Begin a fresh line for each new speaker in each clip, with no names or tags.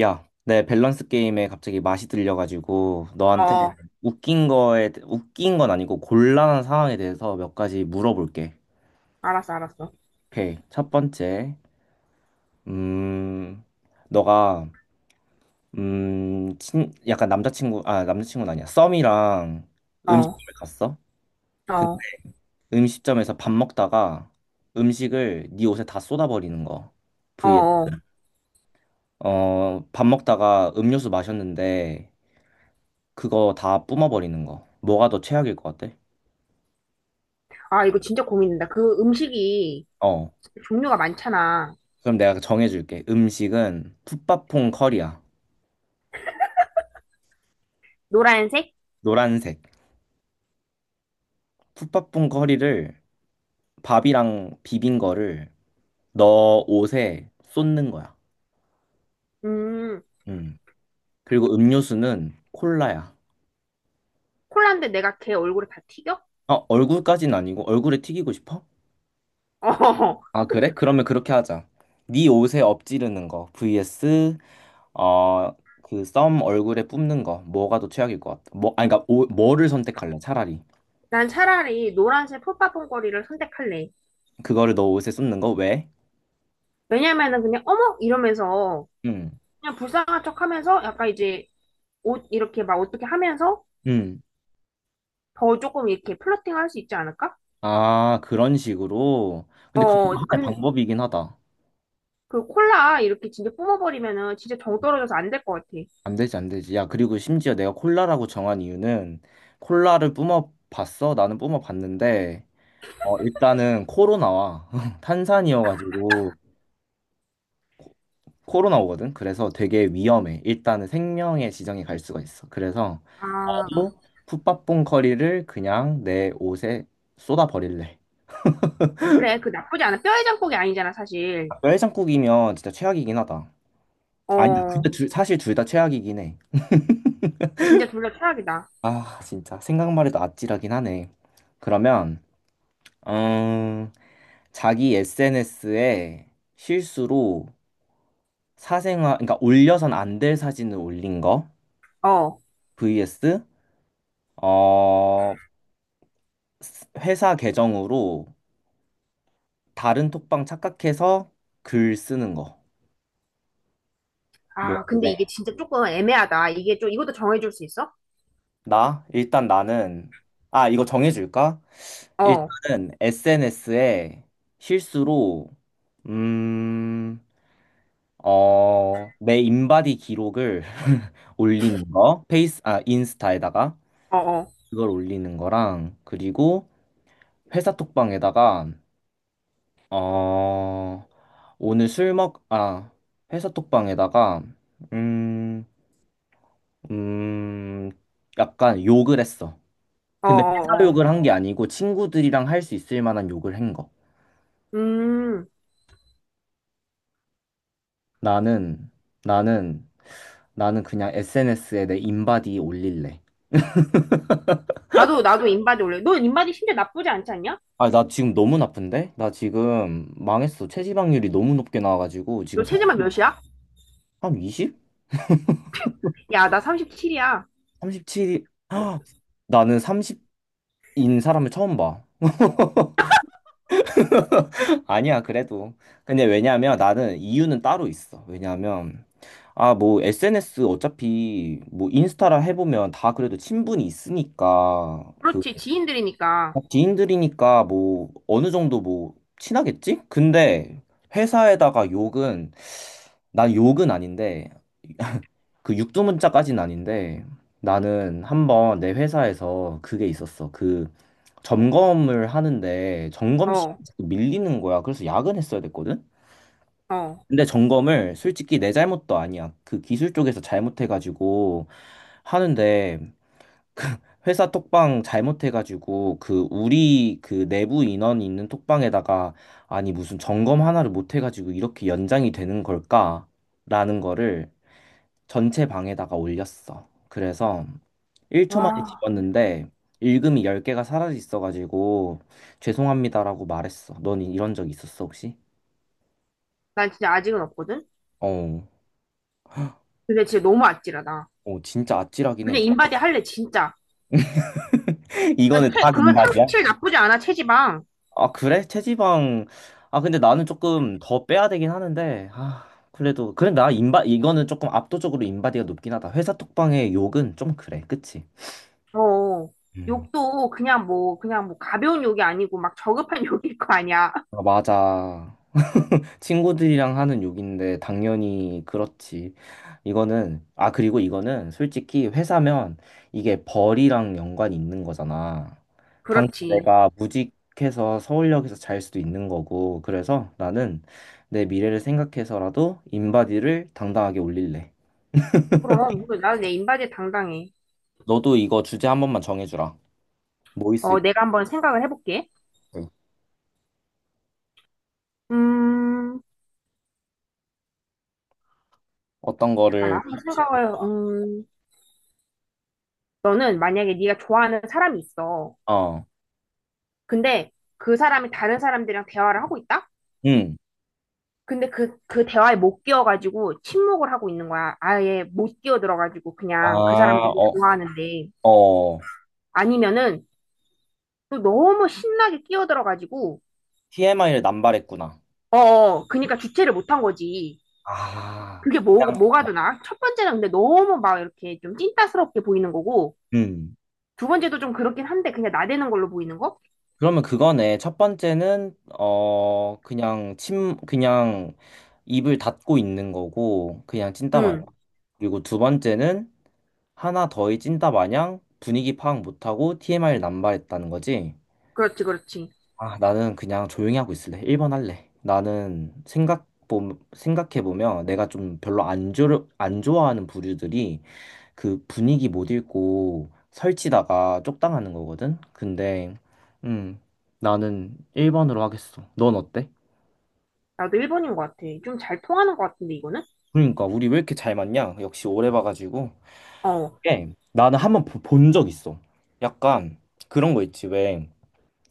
야, 내 밸런스 게임에 갑자기 맛이 들려가지고 너한테
어,
웃긴 건 아니고 곤란한 상황에 대해서 몇 가지 물어볼게.
알았어, 알았어.
오케이. 첫 번째, 음, 너가 약간 남자친구는 아니야. 썸이랑
어,
음식점에 갔어. 근데
어,
음식점에서 밥 먹다가 음식을 네 옷에 다 쏟아버리는 거.
어,
vs
어.
밥 먹다가 음료수 마셨는데 그거 다 뿜어버리는 거. 뭐가 더 최악일 것 같아?
아, 이거 진짜 고민된다. 그 음식이
어,
종류가 많잖아.
그럼 내가 정해줄게. 음식은 풋밥퐁 커리야.
노란색?
노란색. 풋밥퐁 커리를 밥이랑 비빈 거를 너 옷에 쏟는 거야.
음,
음. 그리고 음료수는 콜라야.
콜라인데 내가 걔 얼굴에 다 튀겨? 어,
어, 얼굴까진 아니고 얼굴에 튀기고 싶어? 아, 그래? 그러면 그렇게 하자. 네 옷에 엎지르는 거 vs 어, 그 썸 얼굴에 뿜는 거 뭐가 더 최악일 것 같아? 뭐, 아니 그러니까 뭐를 선택할래? 차라리
난 차라리 노란색 풋바퐁거리를 선택할래.
그거를 너 옷에 쏟는 거 왜?
왜냐면은 그냥 어머! 이러면서
음.
그냥 불쌍한 척 하면서 약간 이제 옷 이렇게 막 어떻게 하면서
음.
더 조금 이렇게 플러팅 할 수 있지 않을까?
아, 그런 식으로. 근데 그것도
어,
하나의
그,
방법이긴 하다.
그 콜라 이렇게 진짜 뿜어버리면은 진짜 정 떨어져서 안 될 것 같아.
안 되지, 안 되지. 야, 그리고 심지어 내가 콜라라고 정한 이유는 콜라를 뿜어봤어? 나는 뿜어봤는데, 일단은 코로 나와. 탄산이어가지고 코로 나오거든. 그래서 되게 위험해. 일단은 생명의 지정이 갈 수가 있어. 그래서
아.
나도 풋밥봉 커리를 그냥 내 옷에 쏟아 버릴래.
그래, 그 나쁘지 않아. 뼈에 장국이 아니잖아, 사실.
닭뼈 해장국이면 진짜 최악이긴 하다. 아니,
어,
근데 사실 둘 다 최악이긴 해.
진짜 둘 다 최악이다.
아, 진짜 생각만 해도 아찔하긴 하네. 그러면 음, 자기 SNS에 실수로 사생활, 그러니까 올려선 안 될 사진을 올린 거
어.
vs 어, 회사 계정으로 다른 톡방 착각해서 글 쓰는 거. 뭐
아, 근데
할래?
이게 진짜 조금 애매하다. 이게 좀, 이것도 정해줄 수 있어?
나 일단 나는. 이거 정해줄까?
어, 어,
일단은 SNS에 실수로 음. 내 인바디 기록을 올리는 거, 인스타에다가
어,
그걸 올리는 거랑, 그리고 회사 톡방에다가, 어, 오늘 술 먹, 아, 회사 톡방에다가, 음, 음, 약간 욕을 했어.
어,
근데 회사
어, 어.
욕을 한 게 아니고 친구들이랑 할 수 있을 만한 욕을 한 거.
음,
나는, 나는, 나는 그냥 SNS에 내 인바디 올릴래.
나도, 나도 인바디 올래. 너 인바디 심지어 나쁘지 않지 않냐?
아, 나 지금 너무 나쁜데? 나 지금 망했어. 체지방률이 너무 높게 나와가지고 지금
너
살,
체지방 몇이야?
한 20?
야, 나 37이야.
37? 나는 30인 사람을 처음 봐. 아니야, 그래도. 근데 왜냐면 나는 이유는 따로 있어. 왜냐면 뭐 SNS 어차피 뭐 인스타라 해보면 다 그래도 친분이 있으니까 그
그렇지, 지인들이니까.
지인들이니까 뭐 어느 정도 뭐 친하겠지? 근데 회사에다가 욕은 난 욕은 아닌데 그 육두문자까지는 아닌데 나는 한번 내 회사에서 그게 있었어. 그 점검을 하는데 점검
어,
시간이 자꾸 밀리는 거야. 그래서 야근했어야 됐거든.
어.
근데 점검을 솔직히 내 잘못도 아니야. 그 기술 쪽에서 잘못해가지고 하는데 회사 톡방 잘못해가지고 그 우리 그 내부 인원이 있는 톡방에다가 아니 무슨 점검 하나를 못해가지고 이렇게 연장이 되는 걸까? 라는 거를 전체 방에다가 올렸어. 그래서 1초 만에
와,
지웠는데 읽음이 10개가 사라져 있어가지고 죄송합니다라고 말했어. 넌 이런 적 있었어 혹시?
난 진짜 아직은 없거든?
어,
근데 진짜 너무 아찔하다.
어. 진짜 아찔하긴 해.
그냥 인바디 할래, 진짜.
이거는 다 인
그거
바이
37
야
나쁘지 않아, 체지방.
아, 그래? 체지방. 아, 근데 나는 조금 더 빼야 되긴 하는데 그래도 그래. 나 인바 이거는 조금 압도적으로 인바디가 높긴 하다. 회사 톡방의 욕은 좀 그래, 그치?
어,
음.
욕도 그냥 뭐, 그냥 뭐 가벼운 욕이 아니고 막 저급한 욕일 거 아니야.
아, 맞아. 친구들이랑 하는 욕인데 당연히 그렇지. 이거는 아 그리고 이거는 솔직히 회사면 이게 벌이랑 연관이 있는 거잖아. 당장
그렇지.
내가 무직해서 서울역에서 잘 수도 있는 거고. 그래서 나는 내 미래를 생각해서라도 인바디를 당당하게 올릴래.
그럼, 이거 나는 내 인바디에 당당해.
너도 이거 주제 한 번만 정해주라. 뭐 있을
어,
것
내가 한번 생각을 해볼게.
같아?
음,
어떤 거를
잠깐만, 한번
하고
생각을,
싶을까?
너는 만약에 네가 좋아하는 사람이 있어.
어.
근데 그 사람이 다른 사람들이랑 대화를 하고 있다?
응.
근데 그 대화에 못 끼어가지고 침묵을 하고 있는 거야. 아예 못 끼어들어가지고
아,
그냥 그 사람들이
어,
좋아하는데.
어.
아니면은 또 너무 신나게 끼어들어가지고
TMI를 남발했구나.
어, 어, 그니까 주체를 못한 거지.
아,
그게
그냥
뭐가 되나? 첫 번째는 근데 너무 막 이렇게 좀 찐따스럽게 보이는 거고,
음.
두 번째도 좀 그렇긴 한데 그냥 나대는 걸로 보이는 거?
그러면 그거네. 첫 번째는 그냥 입을 닫고 있는 거고 그냥 찐따 마냥.
응,
그리고 두 번째는 하나 더의 찐따 마냥 분위기 파악 못하고 TMI를 남발했다는 거지.
그렇지, 그렇지.
아, 나는 그냥 조용히 하고 있을래. 1번 할래. 나는 생각해 보면 내가 좀 별로 안좋안 좋아하는 부류들이 그 분위기 못 읽고 설치다가 쪽당하는 거거든? 근데, 음, 나는 1번으로 하겠어. 넌 어때?
나도 1번인 것 같아. 좀 잘 통하는 것 같은데, 이거는?
그러니까, 우리 왜 이렇게 잘 맞냐? 역시 오래 봐가지고.
어,
예, 나는 한 번 본 적 있어. 약간 그런 거 있지. 왜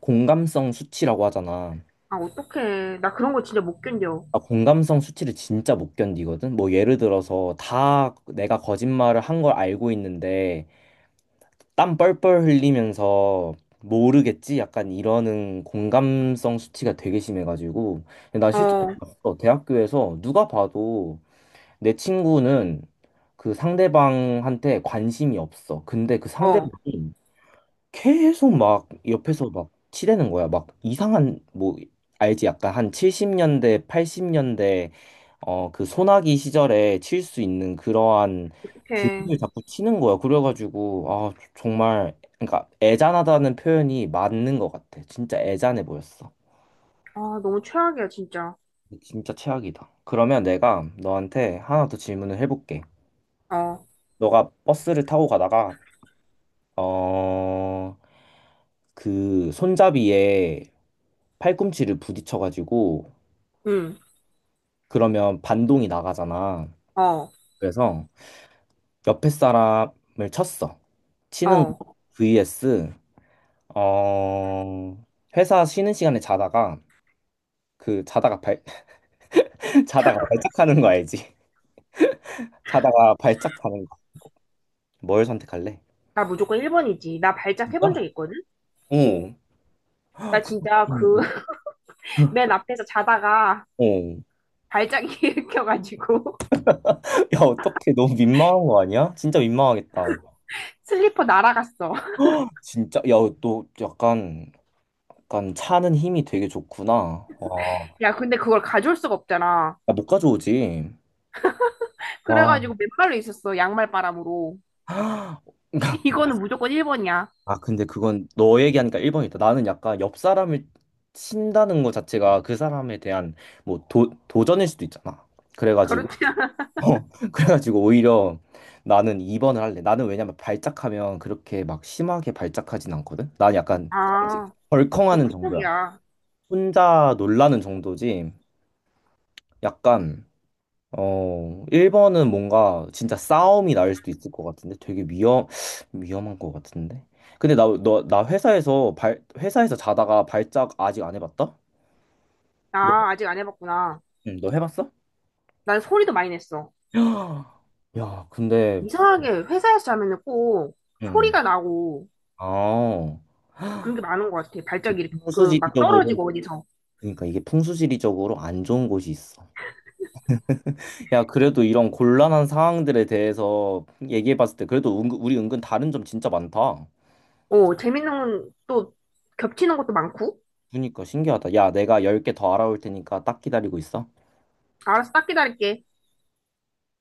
공감성 수치라고 하잖아.
아, 어떡해. 나 그런 거 진짜 못 견뎌.
나 공감성 수치를 진짜 못 견디거든? 뭐 예를 들어서 다 내가 거짓말을 한 걸 알고 있는데 땀 뻘뻘 흘리면서 모르겠지? 약간 이러는 공감성 수치가 되게 심해가지고 근데 나 실제로
어,
봤어. 대학교에서 누가 봐도 내 친구는 그 상대방한테 관심이 없어. 근데 그 상대방이
어,
계속 막 옆에서 막 치대는 거야. 막 이상한 뭐 알지? 약간 한 70년대, 80년대 그 소나기 시절에 칠 수 있는 그러한
어떡해.
드립을 자꾸 치는 거야. 그래가지고 정말 그러니까 애잔하다는 표현이 맞는 것 같아. 진짜 애잔해 보였어.
아, 너무 최악이야, 진짜.
진짜 최악이다. 그러면 내가 너한테 하나 더 질문을 해볼게.
어,
너가 버스를 타고 가다가 어 그 손잡이에 팔꿈치를 부딪혀가지고
응,
그러면 반동이 나가잖아.
어,
그래서 옆에 사람을 쳤어. 치는
어.
거 vs 어 회사 쉬는 시간에 자다가 그 자다가 발 자다가 발작하는 거 알지? 자다가 발작하는 거. 뭘 선택할래?
나 무조건 1번이지. 나 발작 해본
진짜?
적 있거든?
어.
나 진짜 그,
음,
맨 앞에서 자다가
어.
발작이 일으켜가지고.
야, 어떡해. 너무 민망한 거 아니야? 진짜 민망하겠다.
슬리퍼 날아갔어.
진짜 야, 너 약간 차는 힘이 되게 좋구나. 와.
야, 근데 그걸 가져올 수가 없잖아.
야, 못 가져오지. 와.
그래가지고 맨발로 있었어. 양말 바람으로. 이거는 무조건 1번이야.
아, 근데 그건 너 얘기하니까 1번이다. 나는 약간 옆 사람을 친다는 것 자체가 그 사람에 대한 뭐 도전일 수도 있잖아. 그래가지고,
그렇지.
그래가지고 오히려 나는 2번을 할래. 나는 왜냐면 발작하면 그렇게 막 심하게 발작하진 않거든. 난 약간
아, 그
벌컹하는 정도야.
축복이야.
혼자 놀라는 정도지. 약간 1번은 뭔가 진짜 싸움이 날 수도 있을 것 같은데 되게 위험한 것 같은데. 근데 나 회사에서 자다가 발작 아직 안 해봤다? 너,
아, 아직 안 해봤구나.
응, 너 해봤어?
난 소리도 많이 냈어.
야, 근데,
이상하게 회사에서 자면은 꼭
음,
소리가 나고
아,
그런 게 많은 것 같아. 발작이 그 막
풍수지리적으로,
떨어지고 어디서.
그러니까 이게 풍수지리적으로 안 좋은 곳이 있어. 야, 그래도 이런 곤란한 상황들에 대해서 얘기해봤을 때 그래도 우리 은근 다른 점 진짜 많다.
어, 재밌는 건 또 겹치는 것도 많고.
그러니까 신기하다. 야, 내가 10개 더 알아올 테니까 딱 기다리고 있어.
알았어, 딱 기다릴게.